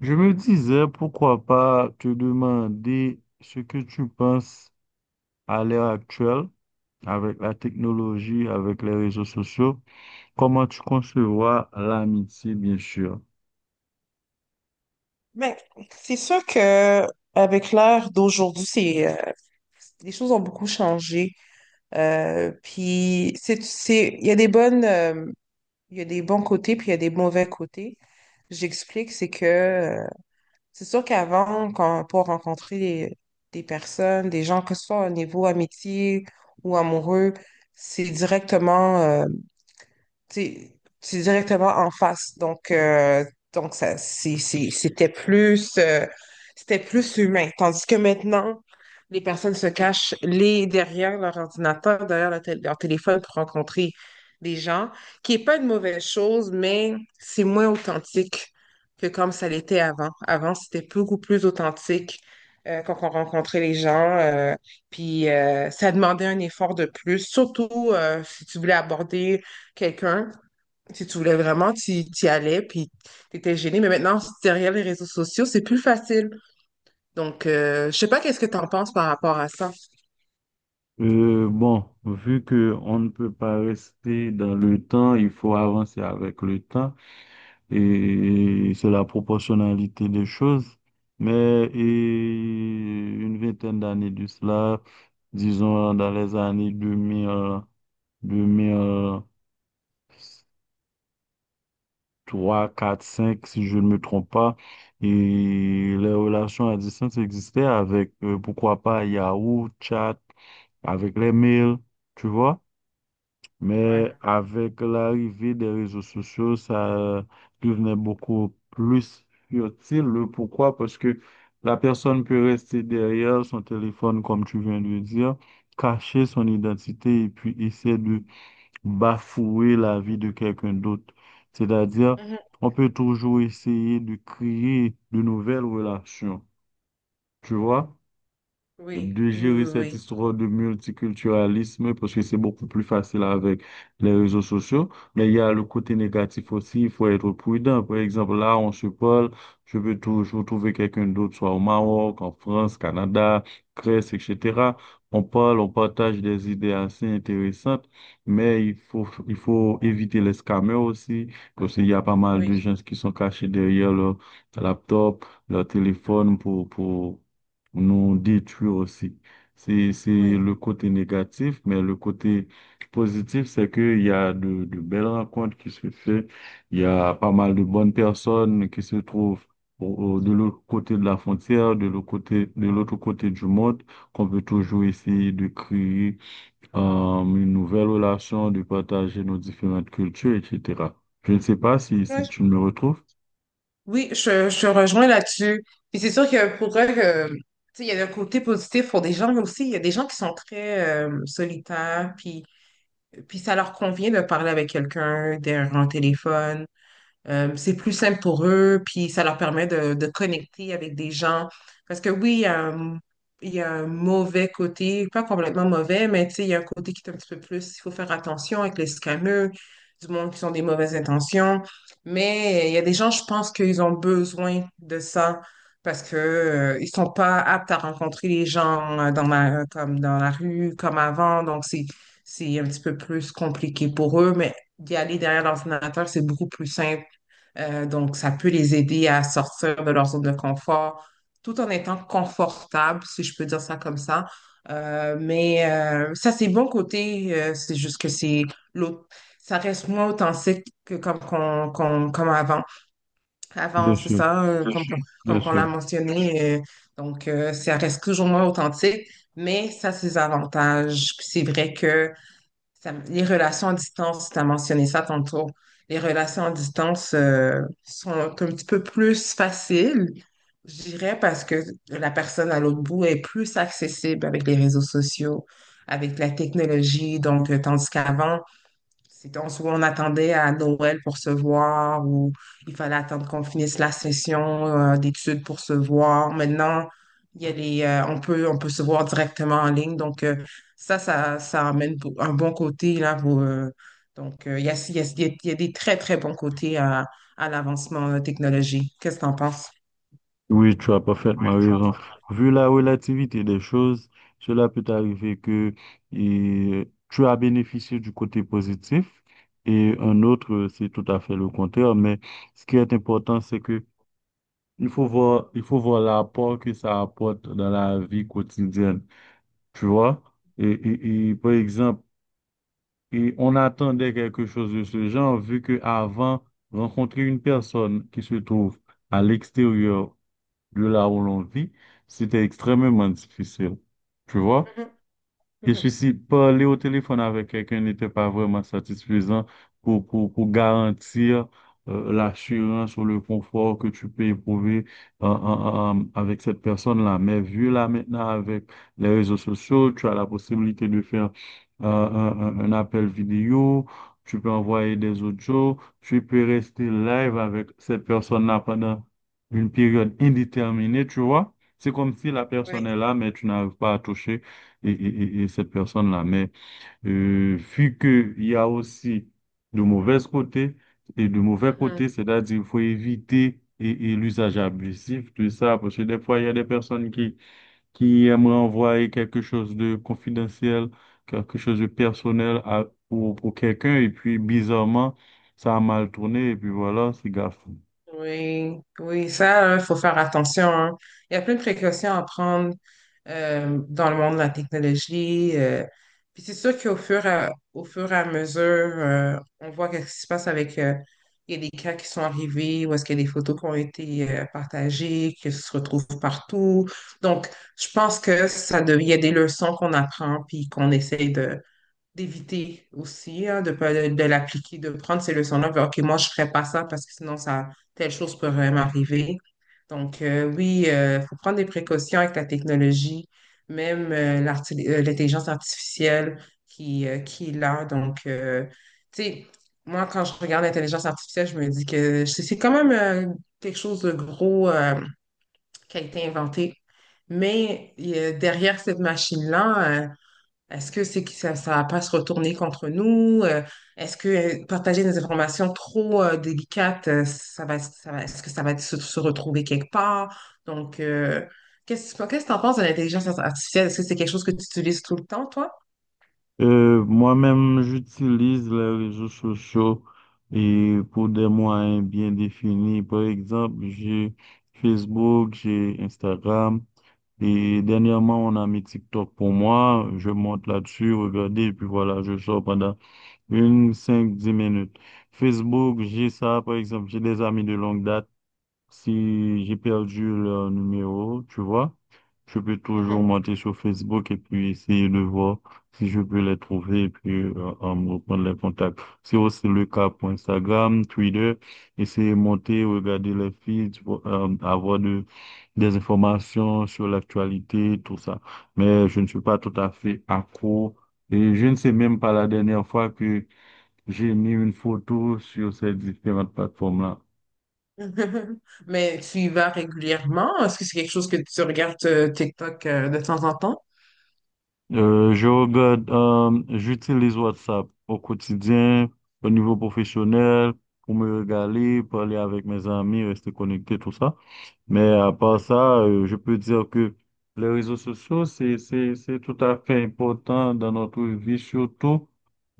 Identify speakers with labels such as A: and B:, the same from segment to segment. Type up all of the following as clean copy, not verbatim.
A: Je me disais, pourquoi pas te demander ce que tu penses à l'ère actuelle avec la technologie, avec les réseaux sociaux, comment tu concevoir l'amitié, bien sûr.
B: Ben, c'est sûr que avec l'ère d'aujourd'hui, c'est les choses ont beaucoup changé. Puis c'est il y a des bonnes il y a des bons côtés puis il y a des mauvais côtés. J'explique, c'est que c'est sûr qu'avant, quand pour rencontrer des personnes, des gens, que ce soit au niveau amitié ou amoureux, c'est directement c'est c'est directement en face. Donc ça, c'était plus humain. Tandis que maintenant, les personnes se cachent les, derrière leur ordinateur, derrière leur, leur téléphone pour rencontrer des gens, qui n'est pas une mauvaise chose, mais c'est moins authentique que comme ça l'était avant. Avant, c'était beaucoup plus authentique quand on rencontrait les gens, puis ça demandait un effort de plus, surtout si tu voulais aborder quelqu'un, si tu voulais vraiment, tu y allais, puis tu étais gêné. Mais maintenant, si derrière les réseaux sociaux, c'est plus facile. Je sais pas qu'est-ce que tu en penses par rapport à ça.
A: Bon, vu que on ne peut pas rester dans le temps, il faut avancer avec le temps et c'est la proportionnalité des choses. Mais et une vingtaine d'années de cela, disons dans les années 2000. Deux mille trois quatre cinq si je ne me trompe pas. Et les relations à distance existaient avec, pourquoi pas, Yahoo, Chat, avec les mails, tu vois. Mais
B: Ouais.
A: avec l'arrivée des réseaux sociaux, ça devenait beaucoup plus futile. Le pourquoi? Parce que la personne peut rester derrière son téléphone, comme tu viens de le dire, cacher son identité et puis essayer de bafouer la vie de quelqu'un d'autre. C'est-à-dire,
B: Mhm.
A: on peut toujours essayer de créer de nouvelles relations, tu vois?
B: Oui,
A: De
B: oui,
A: gérer cette
B: oui,
A: histoire de multiculturalisme parce que c'est beaucoup plus facile avec les réseaux sociaux. Mais il y a le côté négatif aussi, il faut être prudent. Par exemple, là, on se parle, je peux toujours trouver quelqu'un d'autre, soit au Maroc, en France, Canada, Grèce, etc. On parle, on partage des idées assez intéressantes, mais il faut éviter les scammers aussi, parce qu'il y a pas mal
B: oui,
A: de
B: oui.
A: gens qui sont cachés derrière leur laptop, leur téléphone nous détruire aussi. C'est
B: Oui,
A: le côté négatif, mais le côté positif, c'est qu'il y a de belles rencontres qui se font. Il y a pas mal de bonnes personnes qui se trouvent au- de l'autre côté de la frontière, de l'autre côté du monde, qu'on peut toujours essayer de créer euh, une nouvelle relation, de partager nos différentes cultures, etc. Je ne sais pas si,
B: ouais,
A: si tu me retrouves.
B: oui, je te rejoins là-dessus. Puis c'est sûr que pour eux, que, tu sais, il y a un côté positif pour des gens, mais aussi il y a des gens qui sont très solitaires, puis ça leur convient de parler avec quelqu'un, derrière un téléphone. C'est plus simple pour eux, puis ça leur permet de connecter avec des gens. Parce que oui, il y a un mauvais côté, pas complètement mauvais, mais tu sais, il y a un côté qui est un petit peu plus, il faut faire attention avec les scammers, du monde qui ont des mauvaises intentions. Mais il y a des gens, je pense qu'ils ont besoin de ça parce que, ils sont pas aptes à rencontrer les gens dans la, comme dans la rue, comme avant. Donc, c'est un petit peu plus compliqué pour eux, mais d'y aller derrière l'ordinateur, c'est beaucoup plus simple donc, ça peut les aider à sortir de leur zone de confort tout en étant confortable, si je peux dire ça comme ça. Ça, c'est bon côté. C'est juste que c'est l'autre. Ça reste moins authentique que comme avant. Avant,
A: Bien
B: c'est
A: sûr.
B: ça,
A: Bien
B: comme qu'on
A: sûr.
B: l'a mentionné. Ça reste toujours moins authentique, mais ça, c'est avantages. Puis c'est vrai que les relations à distance, tu as mentionné ça tantôt. Les relations à distance sont un petit peu plus faciles, je dirais, parce que la personne à l'autre bout est plus accessible avec les réseaux sociaux, avec la technologie. Tandis qu'avant, soit on attendait à Noël pour se voir ou il fallait attendre qu'on finisse la session d'études pour se voir. Maintenant, il y a les, on peut se voir directement en ligne. Ça amène un bon côté là. Pour, donc, il y a, il y a- il y a- Il y a des très, très bons côtés à l'avancement de la technologie. Qu'est-ce que tu en penses?
A: Oui, tu as parfaitement raison. Vu la relativité des choses, cela peut arriver que et, tu as bénéficié du côté positif et un autre, c'est tout à fait le contraire. Mais ce qui est important, c'est que il faut voir l'apport que ça apporte dans la vie quotidienne. Tu vois? Par exemple, et on attendait quelque chose de ce genre, vu que avant, rencontrer une personne qui se trouve à l'extérieur de là où l'on vit, c'était extrêmement difficile. Tu vois?
B: Mhm,
A: Je
B: mhm.
A: suis si parler au téléphone avec quelqu'un n'était pas vraiment satisfaisant pour garantir l'assurance ou le confort que tu peux éprouver avec cette personne-là. Mais vu là maintenant avec les réseaux sociaux, tu as la possibilité de faire un appel vidéo, tu peux envoyer des audios, tu peux rester live avec cette personne-là pendant une période indéterminée, tu vois. C'est comme si la personne
B: Oui.
A: est là, mais tu n'arrives pas à toucher et cette personne-là. Mais vu qu'il y a aussi de mauvais côtés et de mauvais
B: Mhm.
A: côtés, c'est-à-dire il faut éviter et l'usage abusif de ça, parce que des fois, il y a des personnes qui aimeraient envoyer quelque chose de confidentiel, quelque chose de personnel pour quelqu'un, et puis bizarrement, ça a mal tourné, et puis voilà, c'est grave.
B: Oui, oui, ça, il faut faire attention, hein. Il y a plein de précautions à prendre dans le monde de la technologie. Puis c'est sûr qu'au fur et à mesure, on voit qu'est-ce qui se passe avec... il y a des cas qui sont arrivés ou est-ce qu'il y a des photos qui ont été partagées, qui se retrouvent partout. Donc, je pense que il y a des leçons qu'on apprend puis qu'on essaye d'éviter aussi, hein, de, pas- de l'appliquer, de prendre ces leçons-là. Puis, OK, moi, je ne ferai pas ça parce que sinon, ça, telle chose pourrait m'arriver. Oui, il faut prendre des précautions avec la technologie, même l'intelligence artificielle qui est là. Tu sais, moi, quand je regarde l'intelligence artificielle, je me dis que c'est quand même quelque chose de gros qui a été inventé. Mais derrière cette machine-là, est-ce que c'est que ça va pas se retourner contre nous? Est-ce que partager des informations trop délicates, est-ce que ça va se, se retrouver quelque part? Qu'est-ce que tu en penses de l'intelligence artificielle? Est-ce que c'est quelque chose que tu utilises tout le temps, toi?
A: Moi-même, j'utilise les réseaux sociaux et pour des moyens bien définis. Par exemple, j'ai Facebook, j'ai Instagram et dernièrement, on a mis TikTok pour moi. Je monte là-dessus, regardez, et puis voilà, je sors pendant une, 5, 10 minutes. Facebook, j'ai ça, par exemple, j'ai des amis de longue date. Si j'ai perdu le numéro, tu vois, je peux toujours
B: Mhm.
A: monter sur Facebook et puis essayer de voir si je peux les trouver et puis me reprendre les contacts. C'est aussi le cas pour Instagram, Twitter, essayer de monter, regarder les feeds, avoir des informations sur l'actualité, tout ça. Mais je ne suis pas tout à fait accro et je ne sais même pas la dernière fois que j'ai mis une photo sur ces différentes plateformes-là.
B: Mais tu y vas régulièrement? Est-ce que c'est quelque chose que tu regardes TikTok de temps en temps?
A: Je regarde, j'utilise WhatsApp au quotidien, au niveau professionnel, pour me régaler, parler avec mes amis, rester connecté, tout ça. Mais à part ça, je peux dire que les réseaux sociaux, c'est tout à fait important dans notre vie, surtout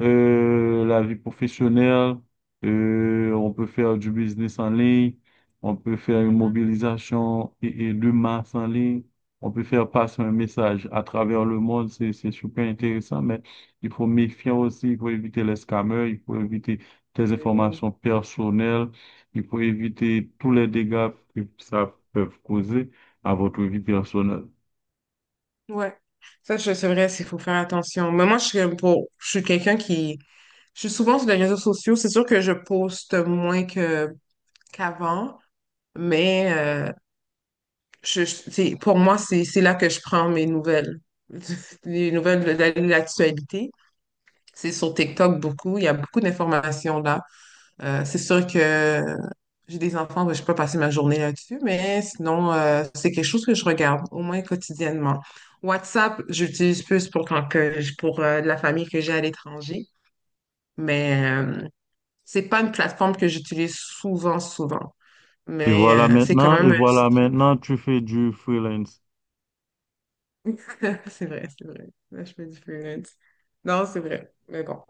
A: la vie professionnelle. On peut faire du business en ligne, on peut faire une mobilisation et de masse en ligne, on peut faire passer un message à travers le monde, c'est super intéressant, mais il faut méfier aussi, il faut éviter les scammers, il faut éviter des
B: Mhm.
A: informations personnelles. Il faut éviter tous les dégâts que ça peut causer à votre vie personnelle.
B: Ouais. C'est vrai, il faut faire attention. Mais moi, je suis pour, je suis quelqu'un qui, je suis souvent sur les réseaux sociaux. C'est sûr que je poste moins que qu'avant, mais pour moi, c'est là que je prends mes nouvelles, les nouvelles de l'actualité. C'est sur TikTok beaucoup. Il y a beaucoup d'informations là. C'est sûr que j'ai des enfants, ben, je peux passer ma journée là-dessus, mais sinon, c'est quelque chose que je regarde, au moins quotidiennement. WhatsApp, j'utilise plus pour pour de la famille que j'ai à l'étranger, mais c'est pas une plateforme que j'utilise souvent, souvent.
A: Et
B: Mais
A: voilà
B: c'est quand
A: maintenant,
B: même
A: et
B: un petit
A: voilà
B: truc.
A: maintenant, tu fais du freelance.
B: C'est vrai, c'est vrai. Là, je me dis freelance. Non, c'est vrai. Mais bon.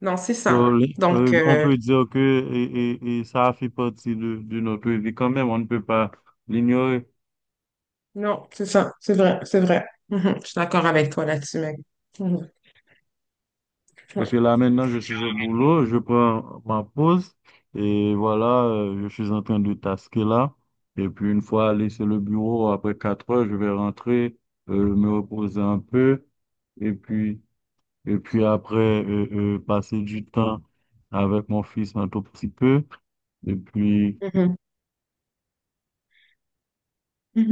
B: Non, c'est
A: So,
B: ça.
A: on peut dire que et ça fait partie de notre vie quand même, on ne peut pas l'ignorer.
B: Non, c'est ça. C'est vrai, c'est vrai. Mhm. Je suis d'accord avec toi là-dessus, mec.
A: Parce
B: Ouais.
A: que là maintenant, je suis au boulot, je prends ma pause, et voilà, je suis en train de tasquer là. Et puis une fois laissé le bureau, après 4 heures, je vais rentrer, me reposer un peu, et puis Et puis après, passer du temps avec mon fils un tout petit peu. Et puis,
B: Mhm.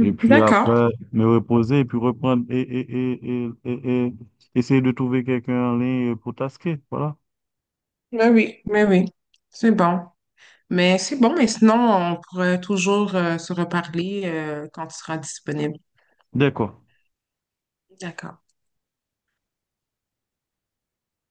A: et puis
B: D'accord.
A: après, me reposer et puis reprendre et essayer de trouver quelqu'un en ligne pour tasquer. Voilà.
B: Mais oui, mais oui. C'est bon. Mais c'est bon, mais sinon, on pourrait toujours se reparler quand tu seras disponible.
A: D'accord.
B: D'accord.